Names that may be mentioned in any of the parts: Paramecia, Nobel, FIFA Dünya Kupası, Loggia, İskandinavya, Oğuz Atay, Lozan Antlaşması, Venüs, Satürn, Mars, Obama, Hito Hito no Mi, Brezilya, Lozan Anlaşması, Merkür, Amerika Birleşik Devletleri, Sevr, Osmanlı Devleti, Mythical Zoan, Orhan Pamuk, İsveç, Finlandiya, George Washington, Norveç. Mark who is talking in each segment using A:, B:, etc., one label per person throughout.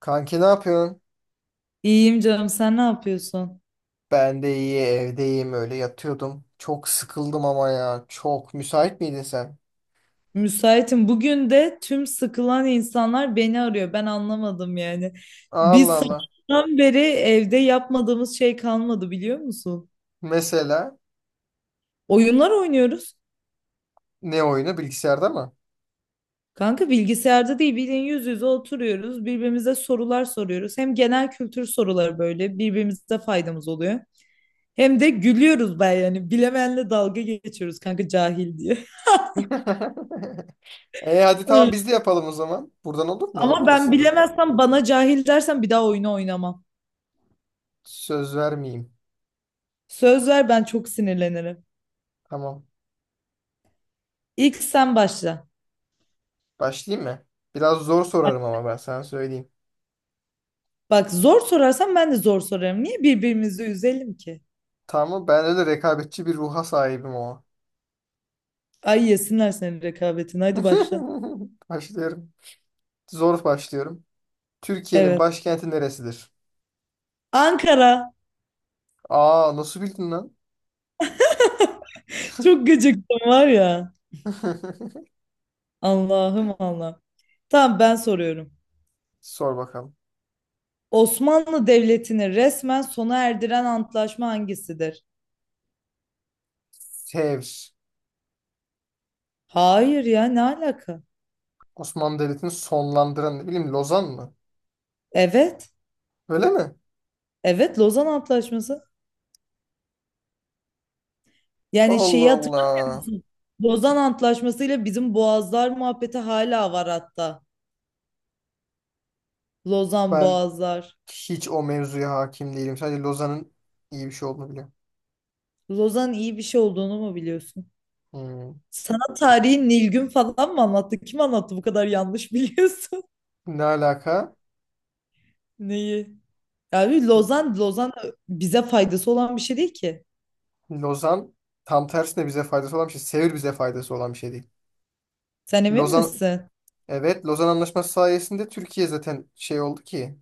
A: Kanki ne yapıyorsun?
B: İyiyim canım sen ne yapıyorsun?
A: Ben de iyi evdeyim öyle yatıyordum. Çok sıkıldım ama ya. Çok müsait miydin sen?
B: Müsaitim. Bugün de tüm sıkılan insanlar beni arıyor. Ben anlamadım yani.
A: Allah
B: Biz
A: Allah.
B: sabahtan beri evde yapmadığımız şey kalmadı biliyor musun?
A: Mesela
B: Oyunlar oynuyoruz.
A: ne oyunu bilgisayarda mı?
B: Kanka bilgisayarda değil bildiğin yüz yüze oturuyoruz. Birbirimize sorular soruyoruz. Hem genel kültür soruları böyle birbirimize faydamız oluyor. Hem de gülüyoruz ben yani. Bilemeyenle dalga geçiyoruz kanka cahil diye.
A: E hadi tamam
B: Evet.
A: biz de yapalım o zaman. Buradan olur mu? Olur
B: Ama ben
A: aslında.
B: bilemezsem bana cahil dersen bir daha oyunu oynamam.
A: Söz vermeyeyim.
B: Söz ver ben çok sinirlenirim.
A: Tamam.
B: İlk sen başla.
A: Başlayayım mı? Biraz zor sorarım ama ben sana söyleyeyim.
B: Bak zor sorarsan ben de zor sorarım. Niye birbirimizi üzelim ki?
A: Tamam ben öyle rekabetçi bir ruha sahibim o.
B: Ay yesinler senin rekabetini. Hadi başla.
A: Başlıyorum. Zor başlıyorum. Türkiye'nin
B: Evet.
A: başkenti neresidir?
B: Ankara.
A: Aa nasıl bildin lan?
B: Çok gıcıktım var ya. Allah'ım Allah. Tamam ben soruyorum.
A: Sor bakalım.
B: Osmanlı Devleti'ni resmen sona erdiren antlaşma hangisidir?
A: Sevr.
B: Hayır ya ne alaka?
A: Osmanlı Devleti'ni sonlandıran ne bileyim Lozan mı?
B: Evet.
A: Öyle mi?
B: Evet Lozan Antlaşması. Yani şeyi
A: Allah
B: hatırlıyorum.
A: Allah.
B: Lozan Antlaşması'yla bizim Boğazlar muhabbeti hala var hatta. Lozan
A: Ben
B: Boğazlar.
A: hiç o mevzuya hakim değilim. Sadece Lozan'ın iyi bir şey olduğunu biliyorum.
B: Lozan iyi bir şey olduğunu mu biliyorsun?
A: Hmm.
B: Sana tarihi Nilgün falan mı anlattı? Kim anlattı bu kadar yanlış biliyorsun?
A: Ne alaka?
B: Neyi? Yani Lozan, Lozan bize faydası olan bir şey değil ki.
A: Lozan tam tersine bize faydası olan bir şey. Sevr bize faydası olan bir şey değil.
B: Sen emin
A: Lozan
B: misin?
A: evet Lozan Anlaşması sayesinde Türkiye zaten şey oldu ki.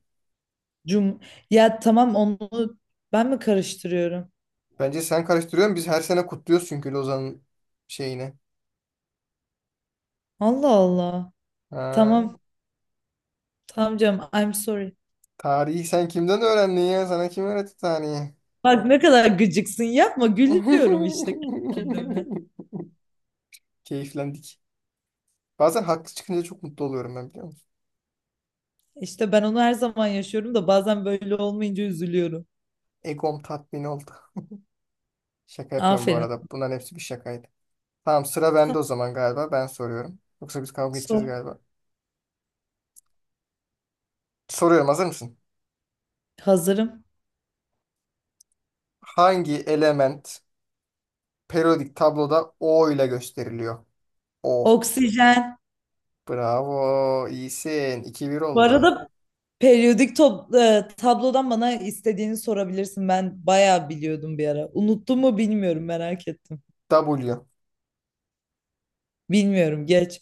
B: Cum ya tamam onu ben mi karıştırıyorum?
A: Bence sen karıştırıyorsun. Biz her sene kutluyoruz çünkü Lozan'ın şeyini.
B: Allah Allah.
A: Ha.
B: Tamam. Tamam canım. I'm sorry.
A: Tarihi sen kimden öğrendin ya? Sana kim öğretti tarihi?
B: Bak ne kadar gıcıksın. Yapma gülüyorum işte kendime.
A: Keyiflendik. Bazen haklı çıkınca çok mutlu oluyorum ben biliyor musun?
B: İşte ben onu her zaman yaşıyorum da bazen böyle olmayınca üzülüyorum.
A: Egom tatmin oldu. Şaka yapıyorum bu
B: Aferin.
A: arada. Bunların hepsi bir şakaydı. Tamam, sıra
B: Tamam,
A: bende o zaman galiba. Ben soruyorum. Yoksa biz kavga edeceğiz
B: sor.
A: galiba. Soruyorum, hazır mısın?
B: Hazırım.
A: Hangi element periyodik tabloda O ile gösteriliyor? O.
B: Oksijen.
A: Bravo. İyisin. 2-1
B: Bu
A: oldu.
B: arada periyodik tablodan bana istediğini sorabilirsin. Ben bayağı biliyordum bir ara. Unuttum mu bilmiyorum merak ettim.
A: W.
B: Bilmiyorum geç.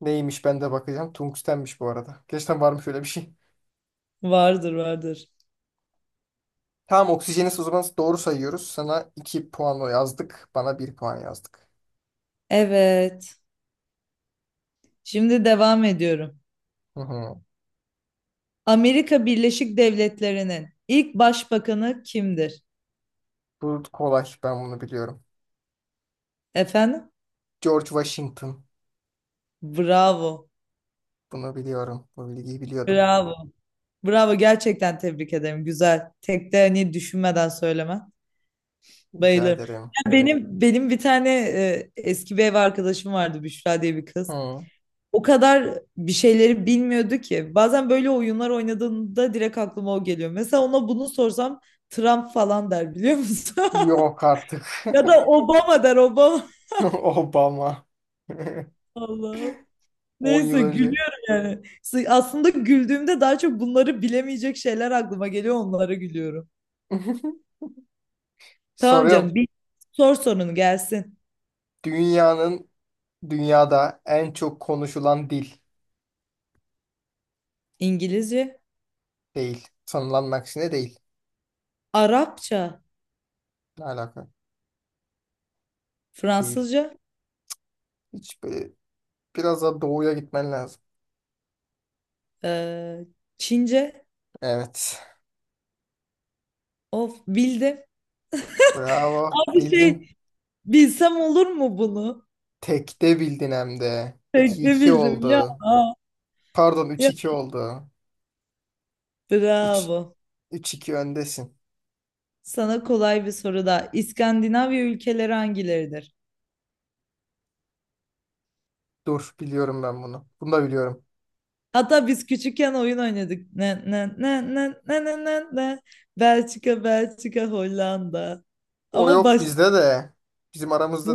A: Neymiş, ben de bakacağım. Tungstenmiş bu arada. Gerçekten varmış öyle bir şey.
B: Vardır vardır.
A: Tamam, oksijeni o zaman doğru sayıyoruz. Sana 2 puan yazdık. Bana 1 puan yazdık.
B: Evet. Şimdi devam ediyorum.
A: Hı hı.
B: Amerika Birleşik Devletleri'nin ilk başbakanı kimdir?
A: Bu kolay. Ben bunu biliyorum.
B: Efendim?
A: George Washington.
B: Bravo.
A: Bunu biliyorum. Bu bilgiyi biliyordum.
B: Bravo. Bravo gerçekten tebrik ederim. Güzel. Tek de hani düşünmeden söyleme.
A: Rica
B: Bayılırım.
A: ederim.
B: Ya benim bir tane eski bir ev arkadaşım vardı Büşra diye bir kız.
A: Hı.
B: O kadar bir şeyleri bilmiyordu ki. Bazen böyle oyunlar oynadığında direkt aklıma o geliyor. Mesela ona bunu sorsam Trump falan der biliyor musun?
A: Yok artık.
B: Ya da Obama der Obama.
A: Obama.
B: Allah.
A: 10 yıl
B: Neyse
A: önce.
B: gülüyorum yani. Aslında güldüğümde daha çok bunları bilemeyecek şeyler aklıma geliyor onlara gülüyorum. Tamam canım
A: Soruyorum.
B: bir sor sorunu gelsin.
A: Dünyanın dünyada en çok konuşulan dil
B: İngilizce,
A: değil. Sanılanın aksine değil.
B: Arapça,
A: Ne alaka? Değil.
B: Fransızca,
A: Hiç böyle biraz daha doğuya gitmen lazım.
B: eee, Çince.
A: Evet.
B: Of bildim.
A: Bravo.
B: Abi
A: Bildin.
B: şey bilsem olur mu bunu?
A: Tekte bildin hem de.
B: Tek
A: iki
B: de
A: iki
B: bildim ya.
A: oldu. Pardon, üç
B: Ya
A: iki oldu. üç
B: bravo.
A: 3-2 öndesin.
B: Sana kolay bir soru daha. İskandinavya ülkeleri hangileridir?
A: Dur, biliyorum ben bunu. Bunu da biliyorum.
B: Hatta biz küçükken oyun oynadık. Ne ne ne ne ne ne ne ne. Belçika, Belçika, Hollanda.
A: O
B: Ama
A: yok
B: başta
A: bizde de. Bizim aramızda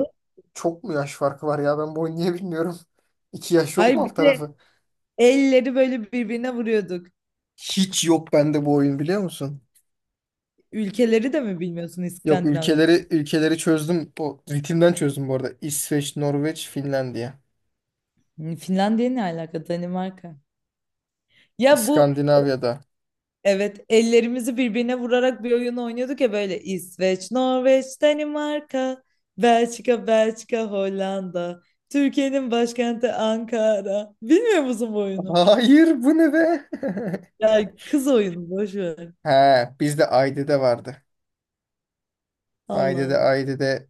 A: çok mu yaş farkı var ya? Ben bu oyunu niye bilmiyorum. 2 yaş yok
B: Hayır
A: mu alt
B: bir de
A: tarafı?
B: elleri böyle birbirine vuruyorduk.
A: Hiç yok bende bu oyun biliyor musun?
B: Ülkeleri de mi bilmiyorsun
A: Yok,
B: İskandinavya'nın?
A: ülkeleri çözdüm. Bu ritimden çözdüm bu arada. İsveç, Norveç, Finlandiya.
B: Hmm, Finlandiya ne alaka? Danimarka. Ya bu
A: İskandinavya'da.
B: evet ellerimizi birbirine vurarak bir oyun oynuyorduk ya böyle İsveç, Norveç, Danimarka, Belçika, Belçika, Hollanda, Türkiye'nin başkenti Ankara. Bilmiyor musun bu oyunu?
A: Hayır, bu ne be?
B: Ya kız oyunu boş ver.
A: He bizde Ayde'de vardı.
B: Allah
A: Ayde'de
B: Allah.
A: Ayde'de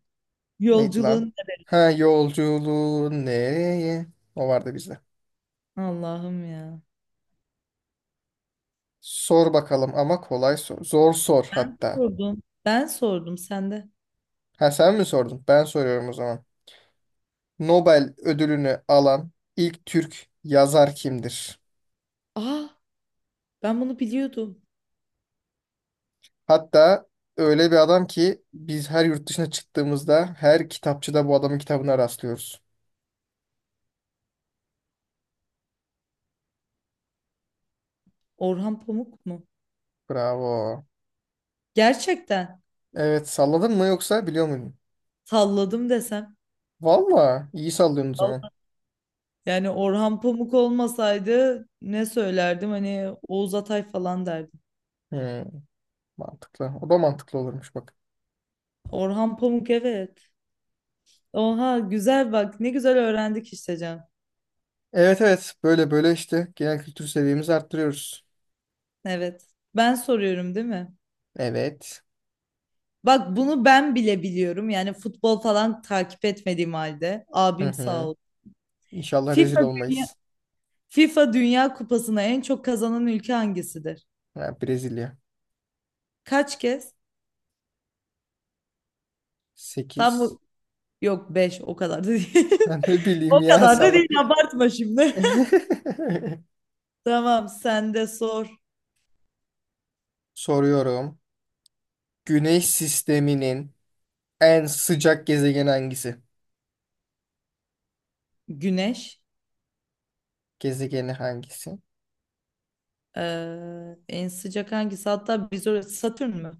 A: neydi lan?
B: Yolculuğun
A: Ha, yolculuğun nereye? O vardı bizde.
B: Allah'ım ya.
A: Sor bakalım ama kolay sor. Zor sor hatta.
B: Sordum. Ben sordum sen de.
A: Ha, sen mi sordun? Ben soruyorum o zaman. Nobel ödülünü alan ilk Türk yazar kimdir?
B: Aa ben bunu biliyordum.
A: Hatta öyle bir adam ki biz her yurt dışına çıktığımızda her kitapçıda bu adamın kitabına rastlıyoruz.
B: Orhan Pamuk mu?
A: Bravo.
B: Gerçekten.
A: Evet, salladın mı yoksa biliyor muydun?
B: Salladım desem.
A: Valla iyi sallıyorsun o zaman.
B: Yani Orhan Pamuk olmasaydı ne söylerdim? Hani Oğuz Atay falan derdim.
A: Hmm. Mantıklı. O da mantıklı olurmuş bak.
B: Orhan Pamuk evet. Oha güzel bak ne güzel öğrendik işte Can.
A: Evet, evet. Böyle böyle işte genel kültür seviyemizi arttırıyoruz.
B: Evet. Ben soruyorum değil mi?
A: Evet.
B: Bak bunu ben bile biliyorum. Yani futbol falan takip etmediğim halde.
A: Hı
B: Abim sağ
A: hı.
B: ol.
A: İnşallah rezil
B: FIFA Dünya,
A: olmayız.
B: FIFA Dünya Kupası'na en çok kazanan ülke hangisidir?
A: Ha, Brezilya.
B: Kaç kez? Tam
A: 8.
B: bu- yok 5. O kadar da değil.
A: Ben ne bileyim
B: O
A: ya,
B: kadar da
A: salla.
B: değil abartma şimdi. Tamam, sen de sor.
A: Soruyorum. Güneş sisteminin en sıcak gezegeni hangisi?
B: Güneş.
A: Gezegeni hangisi?
B: En sıcak hangisi? Hatta biz orası Satürn mü?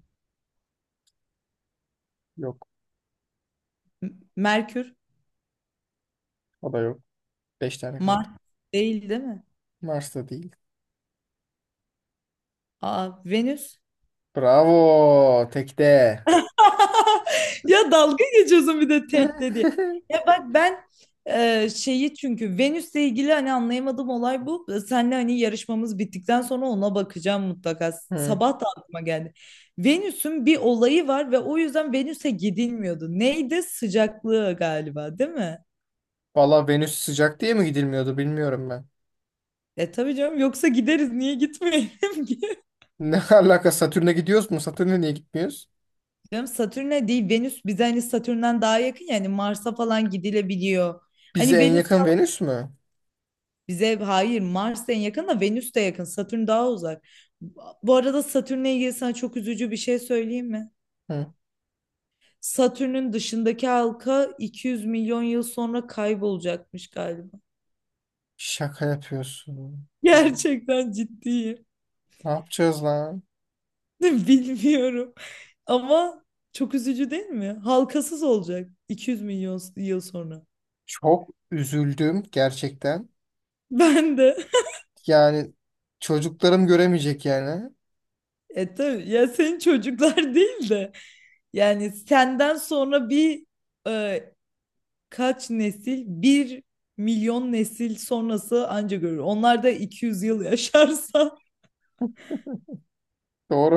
A: Yok.
B: M- Merkür.
A: O da yok. 5 tane
B: Mars
A: kaldı.
B: değil değil mi?
A: Mars da değil.
B: Aa, Venüs.
A: Bravo. Tekte.
B: Ya dalga geçiyorsun bir de tek dedi. Ya bak ben şeyi çünkü Venüs'le ilgili hani anlayamadığım olay bu. Senle hani yarışmamız bittikten sonra ona bakacağım mutlaka.
A: Hı.
B: Sabah da aklıma geldi. Venüs'ün bir olayı var ve o yüzden Venüs'e gidilmiyordu. Neydi? Sıcaklığı galiba, değil mi?
A: Valla Venüs sıcak diye mi gidilmiyordu bilmiyorum ben.
B: E tabii canım yoksa gideriz niye gitmeyelim ki?
A: Ne alaka, Satürn'e gidiyoruz mu? Satürn'e niye gitmiyoruz?
B: Canım Satürn'e değil Venüs bize hani Satürn'den daha yakın yani Mars'a falan gidilebiliyor.
A: Bize
B: Hani
A: en
B: Venüs
A: yakın Venüs mü?
B: bize hayır Mars en yakın da Venüs de yakın Satürn daha uzak. Bu arada Satürn'le ilgili sana çok üzücü bir şey söyleyeyim mi?
A: Hı.
B: Satürn'ün dışındaki halka 200 milyon yıl sonra kaybolacakmış galiba.
A: Şaka yapıyorsun.
B: Gerçekten ciddiyim.
A: Ne yapacağız lan?
B: Bilmiyorum ama çok üzücü değil mi? Halkasız olacak 200 milyon yıl sonra.
A: Çok üzüldüm gerçekten.
B: Ben de.
A: Yani çocuklarım göremeyecek yani.
B: E tabii ya senin çocuklar değil de yani senden sonra e, kaç nesil? 1 milyon nesil sonrası anca görür. Onlar da 200 yıl yaşarsa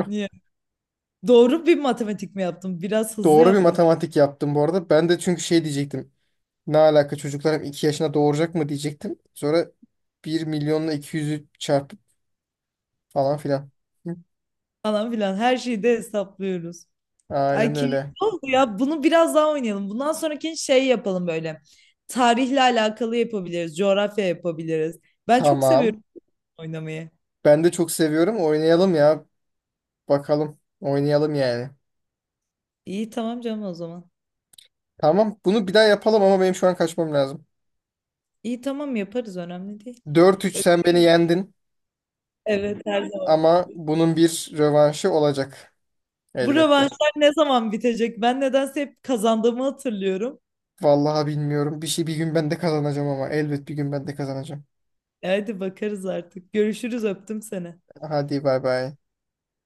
B: niye? Doğru bir matematik mi yaptım? Biraz hızlı
A: Doğru bir
B: yaptım
A: matematik yaptım bu arada. Ben de çünkü şey diyecektim. Ne alaka, çocuklarım 2 yaşına doğuracak mı diyecektim. Sonra bir milyonla iki yüzü çarpıp falan filan. Hı.
B: falan filan. Her şeyi de hesaplıyoruz. Ay
A: Aynen
B: keyifli
A: öyle.
B: oldu ya. Bunu biraz daha oynayalım. Bundan sonraki şey yapalım böyle. Tarihle alakalı yapabiliriz. Coğrafya yapabiliriz. Ben çok seviyorum
A: Tamam.
B: oynamayı.
A: Ben de çok seviyorum. Oynayalım ya. Bakalım. Oynayalım yani.
B: İyi tamam canım o zaman.
A: Tamam, bunu bir daha yapalım ama benim şu an kaçmam lazım.
B: İyi tamam yaparız önemli değil.
A: 4-3
B: Ö-
A: sen beni yendin
B: Evet her zaman.
A: ama bunun bir rövanşı olacak
B: Bu
A: elbette.
B: rövanşlar ne zaman bitecek? Ben nedense hep kazandığımı hatırlıyorum.
A: Vallahi bilmiyorum. Bir şey bir gün ben de kazanacağım ama elbet bir gün ben de kazanacağım.
B: E, Hadi bakarız artık. Görüşürüz öptüm seni.
A: Hadi bay bay.